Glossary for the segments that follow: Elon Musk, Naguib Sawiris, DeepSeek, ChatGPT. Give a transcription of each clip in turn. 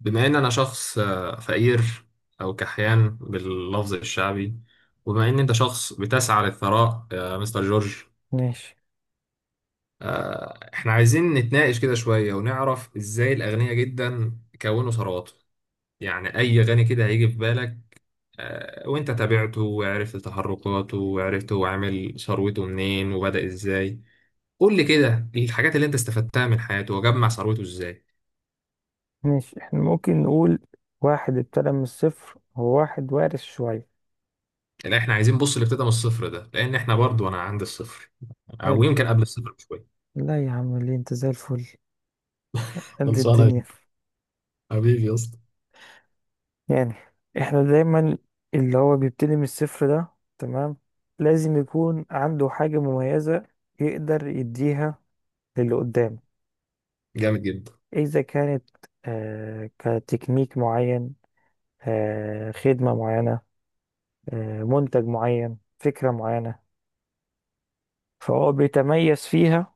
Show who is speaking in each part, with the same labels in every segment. Speaker 1: بما ان انا شخص فقير او كحيان باللفظ الشعبي. وبما ان انت شخص بتسعى للثراء يا مستر جورج،
Speaker 2: ماشي،
Speaker 1: احنا عايزين نتناقش كده شوية ونعرف ازاي الاغنياء جدا كونوا ثرواتهم. يعني اي غني كده هيجي في بالك، وانت تابعته وعرفت تحركاته وعرفت هو عامل ثروته منين وبدأ ازاي، قول لي كده الحاجات اللي انت استفدتها من حياته وجمع ثروته ازاي.
Speaker 2: ماشي. احنا ممكن نقول واحد ابتدى من الصفر، وواحد وارث شوية.
Speaker 1: لا، احنا عايزين بص، اللي ابتدى من الصفر ده، لان احنا برضو انا عند الصفر او
Speaker 2: حلو.
Speaker 1: يمكن قبل الصفر بشويه.
Speaker 2: لا يا عم، ليه؟ انت زي الفل، قد
Speaker 1: خلصانه يا
Speaker 2: الدنيا.
Speaker 1: حبيبي يا اسطى.
Speaker 2: يعني احنا دايما اللي هو بيبتدي من الصفر ده، تمام، لازم يكون عنده حاجة مميزة يقدر يديها للي قدامه.
Speaker 1: جامد جدا.
Speaker 2: إذا كانت كتكنيك معين، خدمة معينة، منتج معين، فكرة معينة، فهو بيتميز فيها.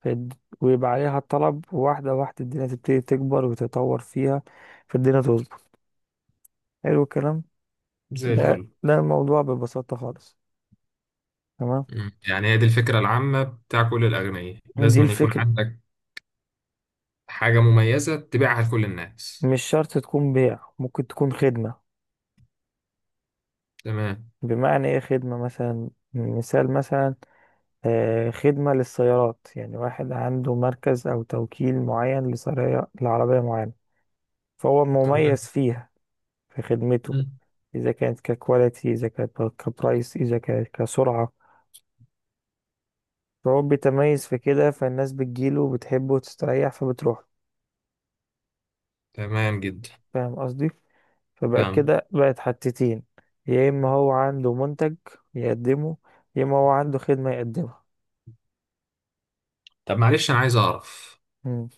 Speaker 2: فد- ويبقى عليها الطلب، واحدة واحدة الدنيا تبتدي تكبر وتتطور فيها، فالدنيا تظبط. حلو الكلام.
Speaker 1: زي
Speaker 2: ده
Speaker 1: الفل.
Speaker 2: ده الموضوع ببساطة خالص. تمام،
Speaker 1: مم. يعني هي دي الفكره العامه بتاع كل الاغنياء،
Speaker 2: دي
Speaker 1: لازم أن يكون
Speaker 2: الفكرة.
Speaker 1: عندك حاجه مميزه تبيعها لكل الناس.
Speaker 2: مش شرط تكون بيع، ممكن تكون خدمة.
Speaker 1: تمام.
Speaker 2: بمعنى ايه خدمة؟ مثلا، مثال مثلا، خدمة للسيارات. يعني واحد عنده مركز أو توكيل معين لعربية معينة، فهو
Speaker 1: تمام.
Speaker 2: مميز فيها، في خدمته.
Speaker 1: مم.
Speaker 2: إذا كانت ككواليتي، إذا كانت كبرايس، إذا كانت كسرعة، فهو بيتميز في كده، فالناس بتجيله وبتحبه وتستريح فبتروح.
Speaker 1: تمام جدا.
Speaker 2: فاهم قصدي؟ فبقت
Speaker 1: فاهم.
Speaker 2: كده بقت حتتين: يا اما هو عنده منتج يقدمه، يا اما هو عنده خدمة يقدمها.
Speaker 1: طب معلش انا عايز اعرف،
Speaker 2: مم.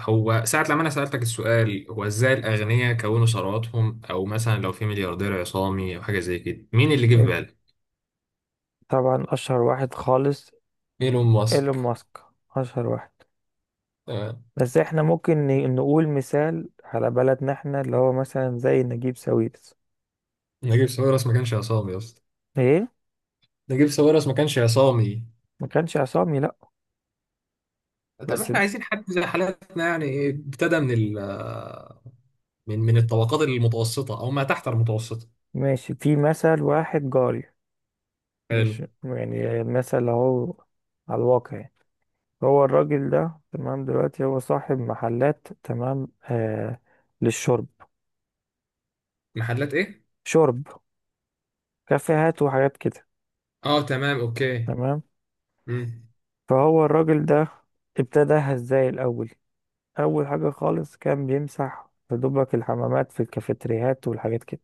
Speaker 1: هو ساعة لما انا سألتك السؤال هو ازاي الاغنياء كونوا ثرواتهم، او مثلا لو في ملياردير عصامي او حاجة زي كده، مين اللي جه في
Speaker 2: حلو.
Speaker 1: بالك؟
Speaker 2: طبعا اشهر واحد خالص
Speaker 1: ايلون
Speaker 2: ايلون
Speaker 1: ماسك.
Speaker 2: ماسك. اشهر واحد.
Speaker 1: تمام.
Speaker 2: بس احنا ممكن نقول مثال على بلدنا احنا، اللي هو مثلا زي نجيب ساويرس.
Speaker 1: نجيب ساويرس ما كانش عصامي يا اسطى.
Speaker 2: ايه،
Speaker 1: نجيب ساويرس ما كانش عصامي.
Speaker 2: ما كانش عصامي، لا.
Speaker 1: طب
Speaker 2: بس
Speaker 1: احنا
Speaker 2: ده.
Speaker 1: عايزين حد زي حالاتنا، يعني إيه، ابتدى من ال آه، من الطبقات المتوسطة أو ما تحت المتوسطة.
Speaker 2: ماشي، في مثل واحد جاري،
Speaker 1: حلو.
Speaker 2: مش يعني مثل، اهو على الواقع يعني. هو الراجل ده، تمام، دلوقتي هو صاحب محلات، تمام، للشرب.
Speaker 1: محلات إيه؟
Speaker 2: شرب، كافيهات وحاجات كده.
Speaker 1: أه تمام، أوكي.
Speaker 2: تمام.
Speaker 1: مم.
Speaker 2: فهو الراجل ده ابتداها ازاي الأول؟ أول حاجة خالص كان بيمسح يا دوبك الحمامات في الكافيتريات والحاجات كده.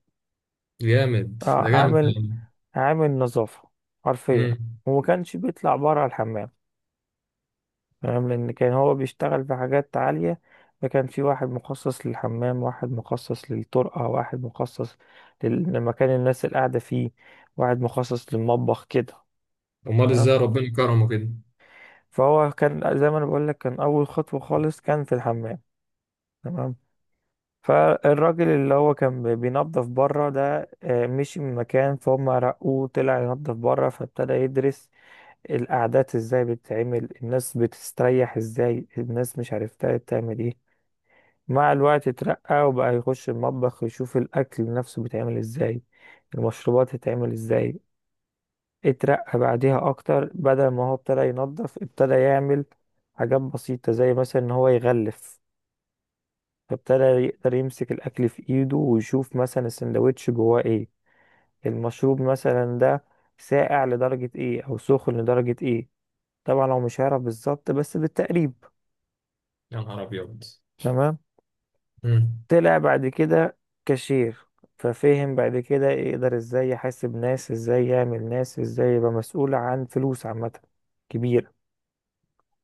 Speaker 1: جامد،
Speaker 2: آه
Speaker 1: ده جامد
Speaker 2: عامل
Speaker 1: يعني.
Speaker 2: عامل نظافة حرفيا.
Speaker 1: امم.
Speaker 2: وما كانش بيطلع بره الحمام، فاهم؟ لأن كان هو بيشتغل في حاجات عالية، فكان في واحد مخصص للحمام، واحد مخصص للطرقة، واحد مخصص لمكان الناس اللي قاعدة فيه، واحد مخصص للمطبخ كده.
Speaker 1: أمال
Speaker 2: تمام.
Speaker 1: إزاي ربنا كرمه كده.
Speaker 2: فهو كان، زي ما أنا بقولك، كان أول خطوة خالص كان في الحمام. تمام. فالراجل اللي هو كان بينظف بره ده، مشي من مكان، فهم، رقوه، طلع ينظف بره، فابتدى يدرس القعدات ازاي بتتعمل، الناس بتستريح ازاي، الناس مش عرفتها بتعمل ايه. مع الوقت اترقى وبقى يخش المطبخ يشوف الأكل نفسه بيتعمل ازاي، المشروبات تتعمل ازاي. اترقى بعديها أكتر، بدل ما هو ابتدى ينظف ابتدى يعمل حاجات بسيطة، زي مثلا إن هو يغلف. فابتدى يقدر يمسك الأكل في إيده ويشوف مثلا السندوتش جواه ايه، المشروب مثلا ده ساقع لدرجة ايه أو سخن لدرجة ايه. طبعا هو مش هيعرف بالظبط، بس بالتقريب.
Speaker 1: يا نهار أبيض.
Speaker 2: تمام.
Speaker 1: مم.
Speaker 2: طلع بعد كده كاشير. ففهم بعد كده يقدر ازاي يحاسب ناس، ازاي يعمل ناس، ازاي يبقى مسؤول عن فلوس عامة كبيرة،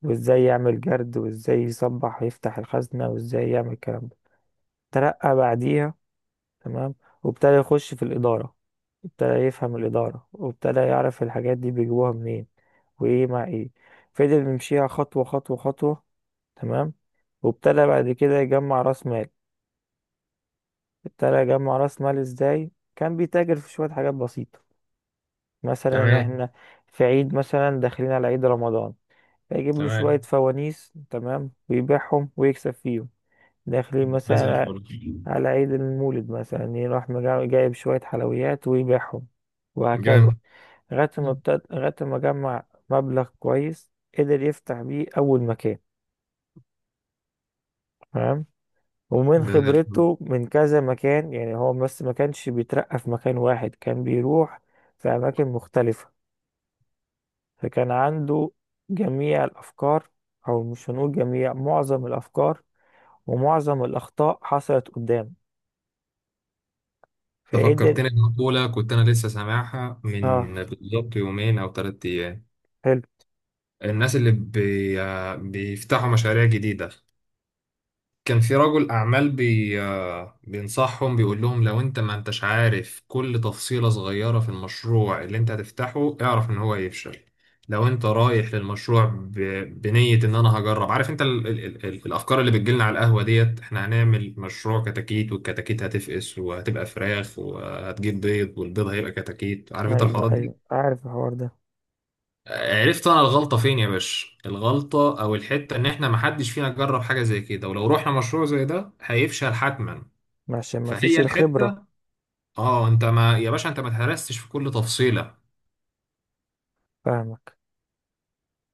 Speaker 2: وازاي يعمل جرد، وازاي يصبح يفتح الخزنة، وازاي يعمل الكلام ده. ترقى بعديها. تمام. وابتدى يخش في الإدارة، ابتدى يفهم الإدارة، وابتدى يعرف الحاجات دي بيجيبوها منين، وإيه مع إيه. فضل يمشيها خطوة خطوة خطوة. تمام. وابتدى بعد كده يجمع رأس مال. ابتدى يجمع راس مال ازاي؟ كان بيتاجر في شوية حاجات بسيطة. مثلا
Speaker 1: تمام.
Speaker 2: احنا في عيد، مثلا داخلين على عيد رمضان، فيجيب له شوية
Speaker 1: تمام.
Speaker 2: فوانيس، تمام، ويبيعهم ويكسب فيهم. داخلين
Speaker 1: ده زي الفل.
Speaker 2: مثلا على عيد المولد، مثلا يروح جايب شوية حلويات ويبيعهم، وهكذا.
Speaker 1: جامد. مم.
Speaker 2: لغاية ما جمع مبلغ كويس، قدر يفتح بيه أول مكان. تمام. ومن
Speaker 1: ده زي الفل.
Speaker 2: خبرته من كذا مكان، يعني هو بس ما كانش بيترقى في مكان واحد، كان بيروح في أماكن مختلفة، فكان عنده جميع الأفكار، أو مش هنقول جميع، معظم الأفكار، ومعظم الأخطاء حصلت قدام،
Speaker 1: انت
Speaker 2: فقدر.
Speaker 1: فكرتني بمقولة كنت أنا لسه سامعها
Speaker 2: اه،
Speaker 1: من بالظبط يومين أو 3 أيام.
Speaker 2: حلو.
Speaker 1: الناس اللي بي... بيفتحوا مشاريع جديدة. كان في رجل أعمال بي آه، بينصحهم، بيقول لهم لو أنت ما أنتش عارف كل تفصيلة صغيرة في المشروع اللي أنت هتفتحه، اعرف إن هو هيفشل. لو أنت رايح للمشروع بنية إن أنا هجرب، عارف أنت الأفكار اللي بتجيلنا على القهوة ديت، إحنا هنعمل مشروع كتاكيت، والكتاكيت هتفقس وهتبقى فراخ وهتجيب بيض، والبيض هيبقى كتاكيت، عارف أنت
Speaker 2: أيوه،
Speaker 1: الحوارات
Speaker 2: أيوه،
Speaker 1: دي.
Speaker 2: عارف الحوار ده.
Speaker 1: عرفت انا الغلطه فين يا باشا؟ الغلطه او الحته ان احنا محدش فينا جرب حاجه زي كده، ولو رحنا مشروع زي ده هيفشل حتما.
Speaker 2: عشان ما فيش
Speaker 1: فهي
Speaker 2: الخبرة.
Speaker 1: الحته. اه، انت ما يا باشا، انت ما تهرستش في كل تفصيله،
Speaker 2: فاهمك.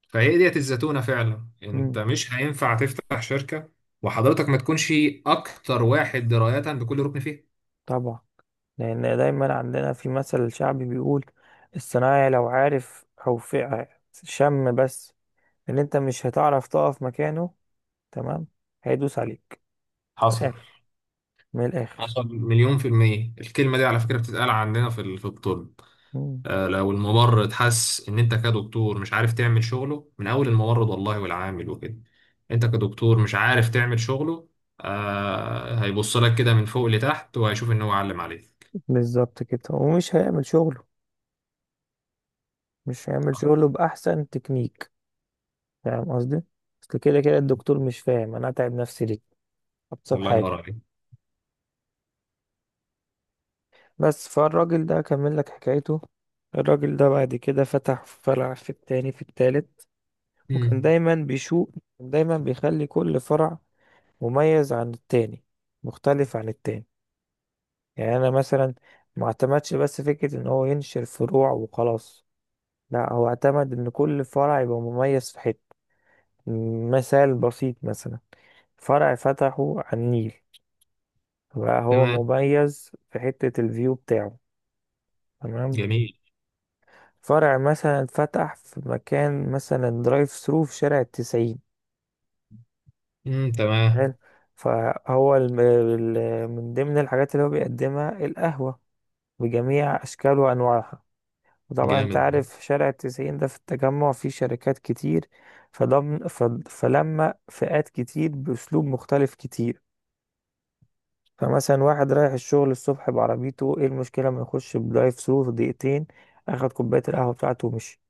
Speaker 1: فهي ديت الزتونه. فعلا
Speaker 2: مم.
Speaker 1: انت مش هينفع تفتح شركه وحضرتك ما تكونش اكتر واحد درايه بكل ركن فيها.
Speaker 2: طبعا، لأن دايما عندنا في مثل شعبي بيقول: الصنايعي لو عارف شم بس ان انت مش هتعرف تقف مكانه، تمام، هيدوس عليك. من
Speaker 1: حصل.
Speaker 2: الاخر، من الاخر.
Speaker 1: حصل مليون في المية. الكلمة دي على فكرة بتتقال عندنا في في الطب.
Speaker 2: مم.
Speaker 1: لو الممرض حس ان انت كدكتور مش عارف تعمل شغله، من اول الممرض والله والعامل وكده، انت كدكتور مش عارف تعمل شغله، آه هيبص لك كده من فوق لتحت، وهيشوف ان هو علم عليك.
Speaker 2: بالظبط كده، ومش هيعمل شغله، مش هيعمل شغله باحسن تكنيك. فاهم قصدي؟ اصل كده كده الدكتور مش فاهم انا اتعب نفسي ليه، ابسط
Speaker 1: الله
Speaker 2: حاجه.
Speaker 1: ينور عليك.
Speaker 2: بس فالراجل ده كمل لك حكايته. الراجل ده بعد كده فتح فرع، في التاني، في التالت، وكان
Speaker 1: مم.
Speaker 2: دايما بيشوق، كان دايما بيخلي كل فرع مميز عن التاني، مختلف عن التاني. يعني انا مثلا ما اعتمدش بس فكرة ان هو ينشر فروع وخلاص، لا، هو اعتمد ان كل فرع يبقى مميز في حتة. مثال بسيط: مثلا فرع فتحه على النيل، بقى هو
Speaker 1: تمام.
Speaker 2: مميز في حتة الفيو بتاعه، تمام.
Speaker 1: جميل.
Speaker 2: فرع مثلا فتح في مكان، مثلا درايف ثرو في شارع التسعين،
Speaker 1: مم.
Speaker 2: حلو.
Speaker 1: تمام.
Speaker 2: فهو من ضمن الحاجات اللي هو بيقدمها القهوة بجميع أشكال وأنواعها. وطبعا انت
Speaker 1: جامد.
Speaker 2: عارف شارع التسعين ده في التجمع فيه شركات كتير. فضم ف- فلما فئات كتير بأسلوب مختلف كتير. فمثلا واحد رايح الشغل الصبح بعربيته، ايه المشكلة ما يخش بدرايف ثرو في دقيقتين، اخد كوباية القهوة بتاعته ومشي.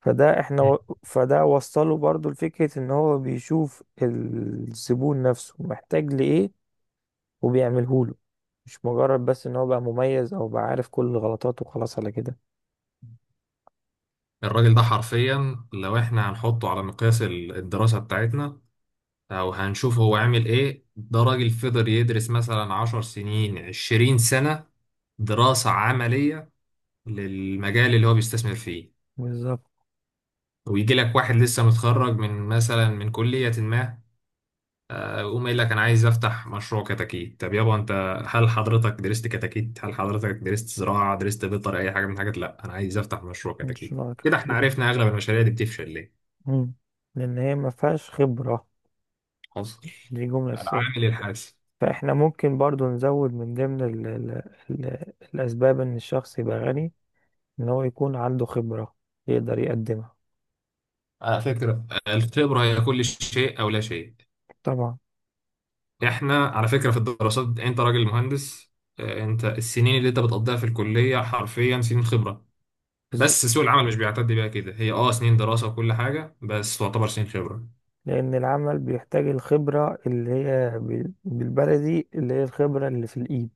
Speaker 1: مم.
Speaker 2: فده وصله برضو لفكرة ان هو بيشوف الزبون نفسه محتاج لإيه وبيعمله له، مش مجرد بس ان هو بقى مميز او بقى عارف كل غلطاته وخلاص على كده.
Speaker 1: الراجل ده حرفيا لو احنا هنحطه على مقياس الدراسة بتاعتنا، او هنشوف هو عامل ايه، ده راجل فضل يدرس مثلا 10 سنين، 20 سنة، دراسة عملية للمجال اللي هو بيستثمر فيه.
Speaker 2: بالظبط.
Speaker 1: ويجي لك واحد لسه متخرج من مثلا من كلية ما، يقوم قايل لك انا عايز افتح مشروع كتاكيت. طب يابا انت، هل حضرتك درست كتاكيت؟ هل حضرتك درست زراعة؟ درست بيطر؟ اي حاجة من الحاجات؟ لا، انا عايز افتح مشروع
Speaker 2: مش
Speaker 1: كتاكيت.
Speaker 2: نوع
Speaker 1: كده احنا
Speaker 2: كده.
Speaker 1: عرفنا اغلب المشاريع دي بتفشل ليه.
Speaker 2: مم. لأن هي ما فيهاش خبرة،
Speaker 1: حصل.
Speaker 2: دي جملة أساسية.
Speaker 1: العامل الحاسم.
Speaker 2: فإحنا ممكن برضو نزود من ضمن ال ال ال الأسباب إن الشخص يبقى غني، إن هو يكون عنده خبرة يقدر يقدمها.
Speaker 1: على فكرة الخبرة هي كل شيء أو لا شيء.
Speaker 2: طبعا.
Speaker 1: إحنا على فكرة في الدراسات، أنت راجل مهندس، أنت السنين اللي أنت بتقضيها في الكلية حرفيا سنين خبرة،
Speaker 2: بالظبط.
Speaker 1: بس سوق العمل مش بيعتد بيها كده، هي سنين دراسة وكل حاجة، بس تعتبر سنين خبرة.
Speaker 2: لأن العمل بيحتاج الخبرة اللي هي بالبلدي، اللي هي الخبرة اللي في الإيد،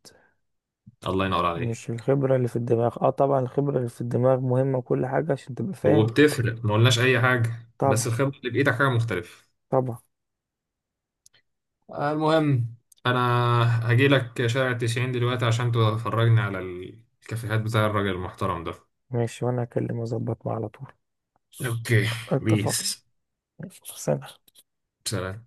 Speaker 1: الله ينور عليك.
Speaker 2: مش الخبرة اللي في الدماغ. اه طبعا الخبرة اللي في الدماغ مهمة وكل حاجة عشان تبقى فاهم.
Speaker 1: وبتفرق، ما قلناش أي حاجة،
Speaker 2: طبعا،
Speaker 1: بس الخبرة اللي بإيدك حاجة مختلفة.
Speaker 2: طبعا.
Speaker 1: المهم، أنا هجيلك شارع التسعين دلوقتي عشان تفرجني على الكافيهات بتاع الراجل المحترم ده.
Speaker 2: ماشي وأنا هكلم أظبط معاه على طول.
Speaker 1: اوكي.
Speaker 2: اتفق.
Speaker 1: بيس.
Speaker 2: ماشي. سلام.
Speaker 1: سلام.